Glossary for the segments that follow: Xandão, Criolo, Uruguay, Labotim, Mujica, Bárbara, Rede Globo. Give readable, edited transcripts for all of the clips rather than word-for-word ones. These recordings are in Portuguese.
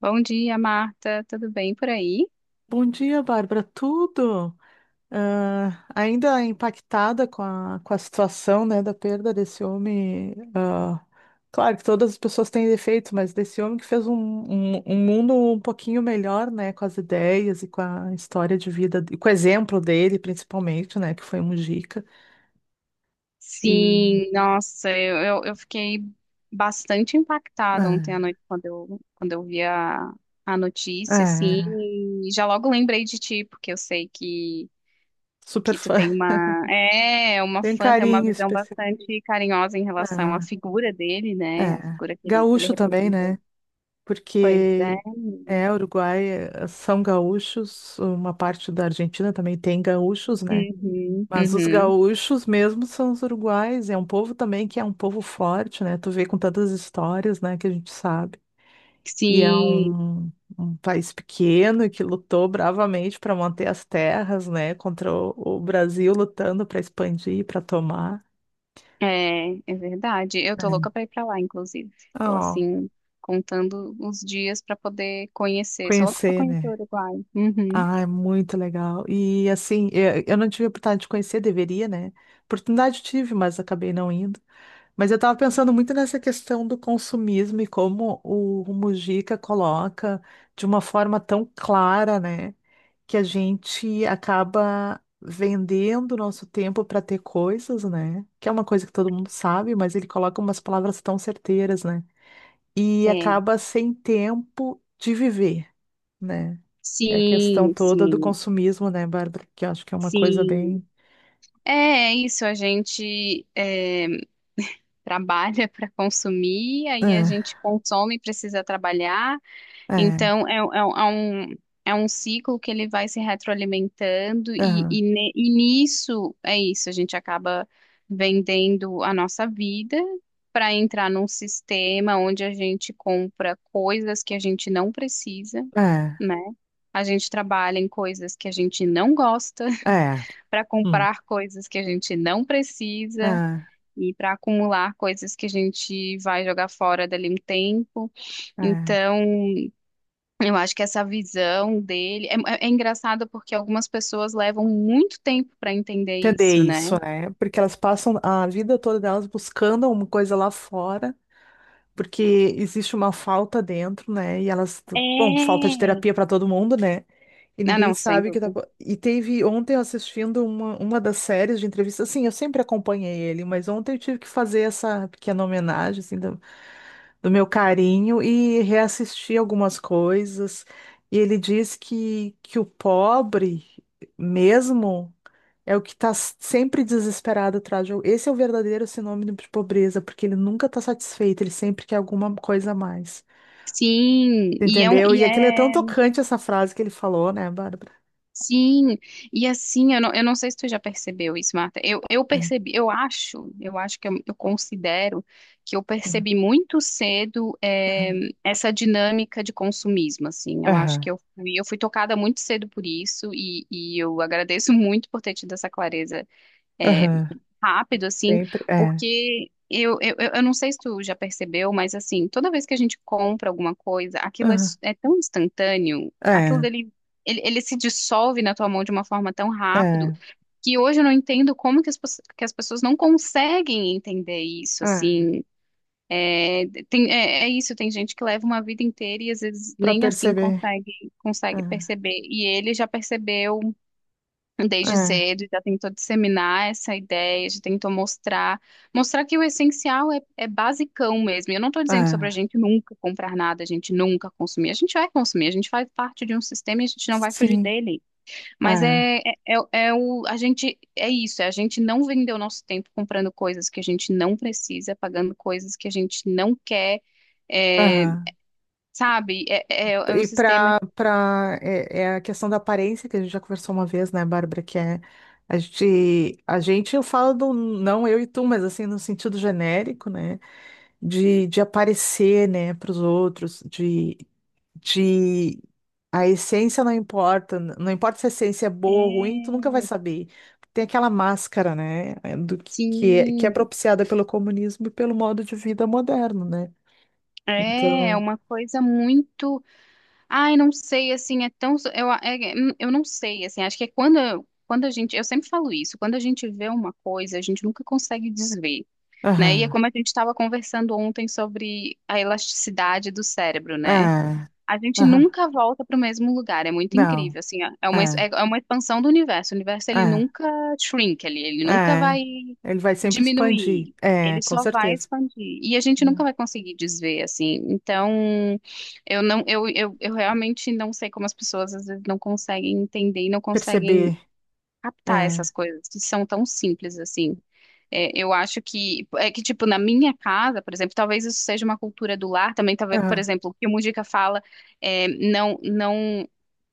Bom dia, Marta. Tudo bem por aí? Bom dia, Bárbara. Tudo? Ah, ainda impactada com a situação, né, da perda desse homem. Claro que todas as pessoas têm defeitos, mas desse homem que fez um mundo um pouquinho melhor, né, com as ideias e com a história de vida, e com o exemplo dele, principalmente, né, que foi um Mujica. E Sim, nossa, eu fiquei bastante impactada ontem à ah, noite quando quando eu vi a notícia, assim, é, e já logo lembrei de ti, porque eu sei que, Super que tu fã. tem uma, uma Tem um fã, tem uma carinho visão especial. bastante carinhosa em relação à É, figura dele, né? A é. figura que ele Gaúcho também, representou. né? Pois é. Porque é Uruguai, são gaúchos, uma parte da Argentina também tem gaúchos, né? Uhum, Mas os uhum. gaúchos mesmo são os uruguais, é um povo também que é um povo forte, né? Tu vê com tantas histórias, né, que a gente sabe. E é Sim. um país pequeno que lutou bravamente para manter as terras, né, contra o Brasil lutando para expandir, para tomar. É, é verdade. Eu tô louca É. pra ir pra lá, inclusive. Tô Ó, assim, contando os dias pra poder conhecer. Sou louca pra conhecer, conhecer o né? Uruguai. Uhum. Ah, é muito legal. E assim, eu não tive a oportunidade de conhecer, deveria, né? Oportunidade tive, mas acabei não indo. Mas eu estava pensando muito nessa questão do consumismo e como o Mujica coloca de uma forma tão clara, né? Que a gente acaba vendendo o nosso tempo para ter coisas, né? Que é uma coisa que todo mundo sabe, mas ele coloca umas palavras tão certeiras, né? E É. acaba sem tempo de viver, né? Que é a questão Sim, toda do sim, consumismo, né, Bárbara? Que eu acho que é uma coisa sim. bem. É, é isso. Trabalha pra consumir, aí a É, gente consome e precisa trabalhar. é, Então, um é um ciclo que ele vai se retroalimentando, é, e nisso é isso, a gente acaba vendendo a nossa vida para entrar num sistema onde a gente compra coisas que a gente não precisa, né? A gente trabalha em coisas que a gente não gosta, é, é, para hum, comprar coisas que a gente não precisa. é, E para acumular coisas que a gente vai jogar fora dali um tempo. é. Então, eu acho que essa visão dele é engraçado porque algumas pessoas levam muito tempo para entender Entender isso, né? isso, né? Porque elas passam a vida toda delas buscando uma coisa lá fora, porque existe uma falta dentro, né? E elas, bom, falta de É. terapia para todo mundo, né? E Ah, ninguém não, sem sabe o que tá. dúvida. E teve ontem eu assistindo uma das séries de entrevistas. Assim, eu sempre acompanhei ele, mas ontem eu tive que fazer essa pequena homenagem, assim, do meu carinho e reassistir algumas coisas. E ele diz que o pobre mesmo é o que está sempre desesperado atrás de. Esse é o verdadeiro sinônimo de pobreza, porque ele nunca está satisfeito, ele sempre quer alguma coisa a mais. Sim, e é um, Entendeu? e E aquilo é tão é, tocante essa frase que ele falou, né, Bárbara? sim, e assim, eu não sei se tu já percebeu isso, Marta. Eu É, percebi, eu acho que eu considero que eu é. percebi muito cedo, Aham, essa dinâmica de consumismo, assim. Eu acho aham, que eu fui tocada muito cedo por isso e eu agradeço muito por ter tido essa clareza, eh, aham. rápido, assim, Sempre é. porque eu não sei se tu já percebeu, mas assim, toda vez que a gente compra alguma coisa, Aham, é tão instantâneo, aquilo é, dele, ele se dissolve na tua mão de uma forma tão rápido, é, que hoje eu não entendo como que as pessoas não conseguem entender isso, é. assim, é isso, tem gente que leva uma vida inteira e às vezes Para nem assim perceber. consegue, É, consegue perceber, e ele já percebeu desde é, cedo, já tentou disseminar essa ideia, já tentou mostrar, mostrar que o essencial é basicão mesmo. E eu não estou dizendo sobre a é. gente nunca comprar nada, a gente nunca consumir. A gente vai consumir, a gente faz parte de um sistema e a gente não vai fugir Sim, dele. Mas é. é, é, é é o, a gente, é isso, é a gente não vender o nosso tempo comprando coisas que a gente não precisa, pagando coisas que a gente não quer, é, Aham. sabe? É um E sistema. para é a questão da aparência que a gente já conversou uma vez, né, Bárbara, que é a gente eu falo do não eu e tu, mas assim no sentido genérico, né, de aparecer, né, para os outros, de a essência não importa, não importa se a essência é boa ou ruim, tu É, nunca vai saber. Tem aquela máscara, né, do que é sim. propiciada pelo comunismo e pelo modo de vida moderno, né? É Então, uma coisa muito. Ai, não sei, assim, é tão. Eu não sei, assim, acho que é quando a gente. Eu sempre falo isso, quando a gente vê uma coisa, a gente nunca consegue desver, né? E é aham, como a gente estava conversando ontem sobre a elasticidade do cérebro, né? ah, A gente aham, nunca volta para o mesmo lugar, é muito não, incrível, assim, é é uma, es- é ah, é uma expansão do universo. O universo, ele ah, nunca shrink, ele nunca vai ah, ele vai sempre expandir, diminuir, é, ele com só vai certeza. expandir. E a gente nunca vai É. conseguir desver, assim. Então, eu realmente não sei como as pessoas às vezes não conseguem entender e não conseguem Perceber, captar é, essas coisas que são tão simples assim. É, eu acho que é que tipo na minha casa, por exemplo, talvez isso seja uma cultura do lar também, talvez, por ah, exemplo, o que o Mujica fala, não.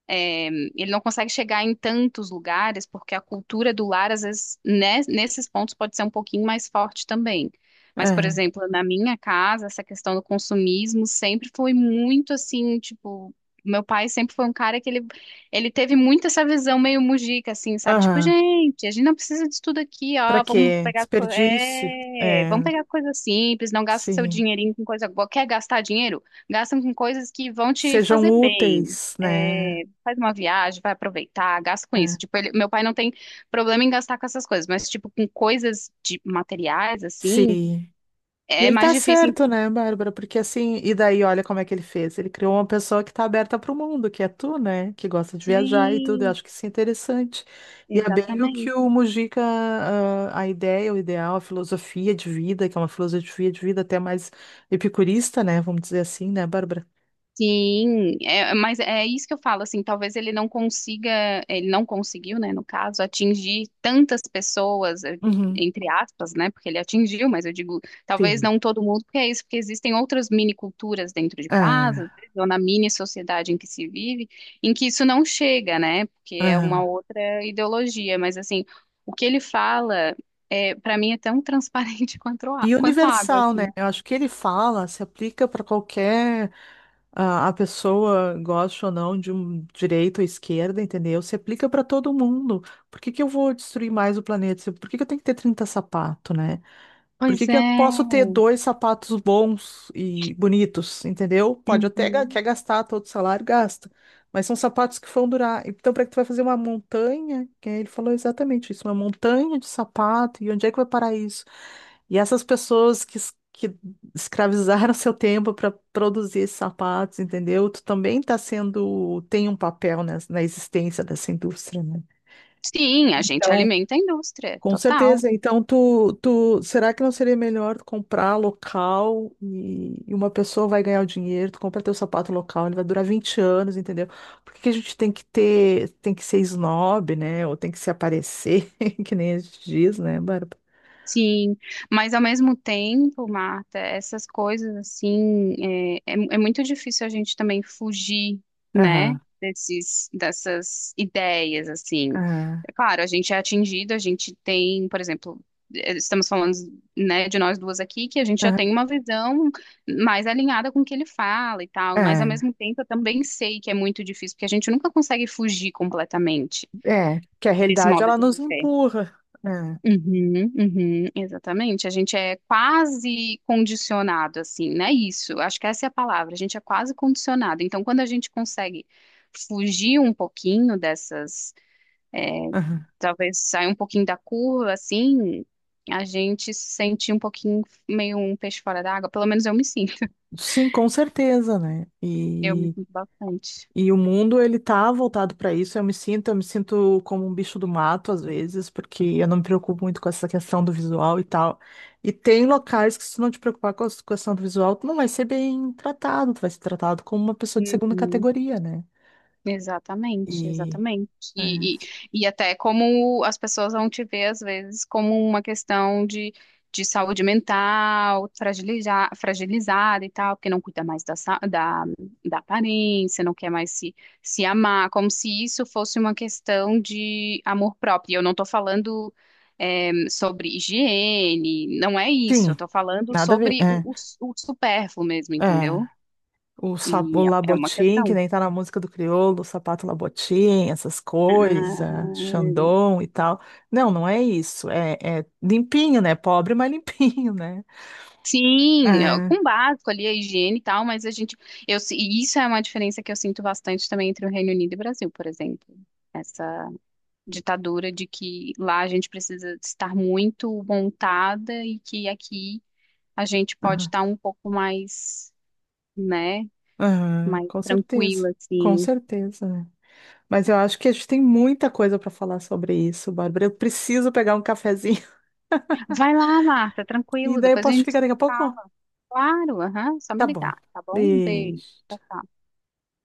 É, ele não consegue chegar em tantos lugares, porque a cultura do lar, às vezes, né, nesses pontos pode ser um pouquinho mais forte também. Mas, por é, exemplo, na minha casa, essa questão do consumismo sempre foi muito assim, tipo, meu pai sempre foi um cara que ele teve muito essa visão meio mujica, assim, sabe? Tipo, aham, gente, a gente não precisa disso tudo aqui, para ó, quê? Desperdício, vamos é, pegar coisa simples, não gasta seu sim, dinheirinho com coisa boa. Quer gastar dinheiro? Gasta com coisas que vão te sejam fazer bem. úteis, né? É, faz uma viagem, vai aproveitar, gasta com isso. É. Tipo, meu pai não tem problema em gastar com essas coisas, mas, tipo, com coisas de materiais, assim, Sim. E é ele mais tá difícil. Certo, né, Bárbara? Porque assim, e daí olha como é que ele fez. Ele criou uma pessoa que tá aberta para o mundo, que é tu, né? Que gosta de viajar e tudo. Eu Sim, acho que isso é interessante. E é bem o que exatamente. o Mujica, ah, a ideia, o ideal, a filosofia de vida, que é uma filosofia de vida até mais epicurista, né? Vamos dizer assim, né, Bárbara? Sim, é, mas é isso que eu falo, assim, talvez ele não conseguiu, né, no caso, atingir tantas pessoas, Uhum. entre aspas, né, porque ele atingiu, mas eu digo, talvez Sim. não todo mundo, porque é isso, porque existem outras mini culturas dentro de casa, É, às vezes, ou na mini sociedade em que se vive, em que isso não chega, né, porque é uma é. outra ideologia, mas assim, o que ele fala, para mim é tão transparente quanto, E quanto água, universal, né? assim. Eu acho que ele fala, se aplica para qualquer a pessoa gosta ou não de um direito ou esquerda, entendeu? Se aplica para todo mundo. Por que que eu vou destruir mais o planeta? Por que que eu tenho que ter 30 sapatos, né? Por Pois que que eu não é. posso ter dois sapatos bons e bonitos, entendeu? Pode até Uhum. quer gastar todo o salário, gasta. Mas são sapatos que vão durar. Então, para que tu vai fazer uma montanha? Que ele falou exatamente isso, uma montanha de sapato. E onde é que vai parar isso? E essas pessoas que, que escravizaram seu tempo para produzir esses sapatos, entendeu? Tu também tá sendo, tem um papel na existência dessa indústria, né? Sim, a gente Então, alimenta a indústria, com total. certeza. Então, tu, será que não seria melhor tu comprar local e uma pessoa vai ganhar o dinheiro, tu compra teu sapato local, ele vai durar 20 anos, entendeu? Por que que a gente tem que ter, tem que ser snob, né? Ou tem que se aparecer, que nem a gente diz, né, Bárbara? Sim, mas ao mesmo tempo, Marta, essas coisas assim, é muito difícil a gente também fugir, né, Aham, dessas ideias, assim. aham, É claro, a gente é atingido, a gente tem, por exemplo, estamos falando, né, de nós duas aqui, que a gente já tem uma visão mais alinhada com o que ele fala e tal, mas ao aham, mesmo tempo eu também sei que é muito difícil, porque a gente nunca consegue fugir completamente é, é que a desse realidade modo ela de nos viver. empurra. É, Uhum, uhum, exatamente. A gente é quase condicionado, assim, né? Isso, acho que essa é a palavra. A gente é quase condicionado. Então, quando a gente consegue fugir um pouquinho dessas, aham. talvez sair um pouquinho da curva, assim, a gente se sente um pouquinho meio um peixe fora d'água. Pelo menos eu me sinto. Sim, com certeza, né? Eu me E sinto bastante. E o mundo, ele tá voltado para isso. Eu me sinto como um bicho do mato às vezes, porque eu não me preocupo muito com essa questão do visual e tal. E tem locais que se tu não te preocupar com a questão do visual, tu não vai ser bem tratado, tu vai ser tratado como uma pessoa de segunda Uhum. categoria, né? Exatamente, E exatamente. é. E até como as pessoas vão te ver, às vezes, como uma questão de saúde mental, fragilizada e tal, porque não cuida mais da aparência, não quer mais se amar, como se isso fosse uma questão de amor próprio. E eu não estou falando, sobre higiene, não é isso, eu Sim, estou falando nada a ver. sobre o supérfluo mesmo, É, entendeu? é. O E é uma Labotim, que questão. nem tá na música do Criolo, o sapato Labotim, essas coisas, Ah, Xandão e tal. Não, não é isso. É, é limpinho, né? Pobre, mas limpinho, né? sim, É, com básico ali, a higiene e tal, mas a gente, eu, se- e isso é uma diferença que eu sinto bastante também entre o Reino Unido e o Brasil, por exemplo. Essa ditadura de que lá a gente precisa estar muito montada e que aqui a gente pode aham, estar um pouco mais, né, aham, mais com certeza. tranquila, Com assim. certeza, né? Mas eu acho que a gente tem muita coisa para falar sobre isso, Bárbara. Eu preciso pegar um cafezinho. Vai lá, Marta, E tranquilo, daí eu depois a posso te gente ligar daqui a pouco? fala. Claro, aham, só me Tá bom. ligar, tá bom? Um beijo. Tchau, Beijo. tchau.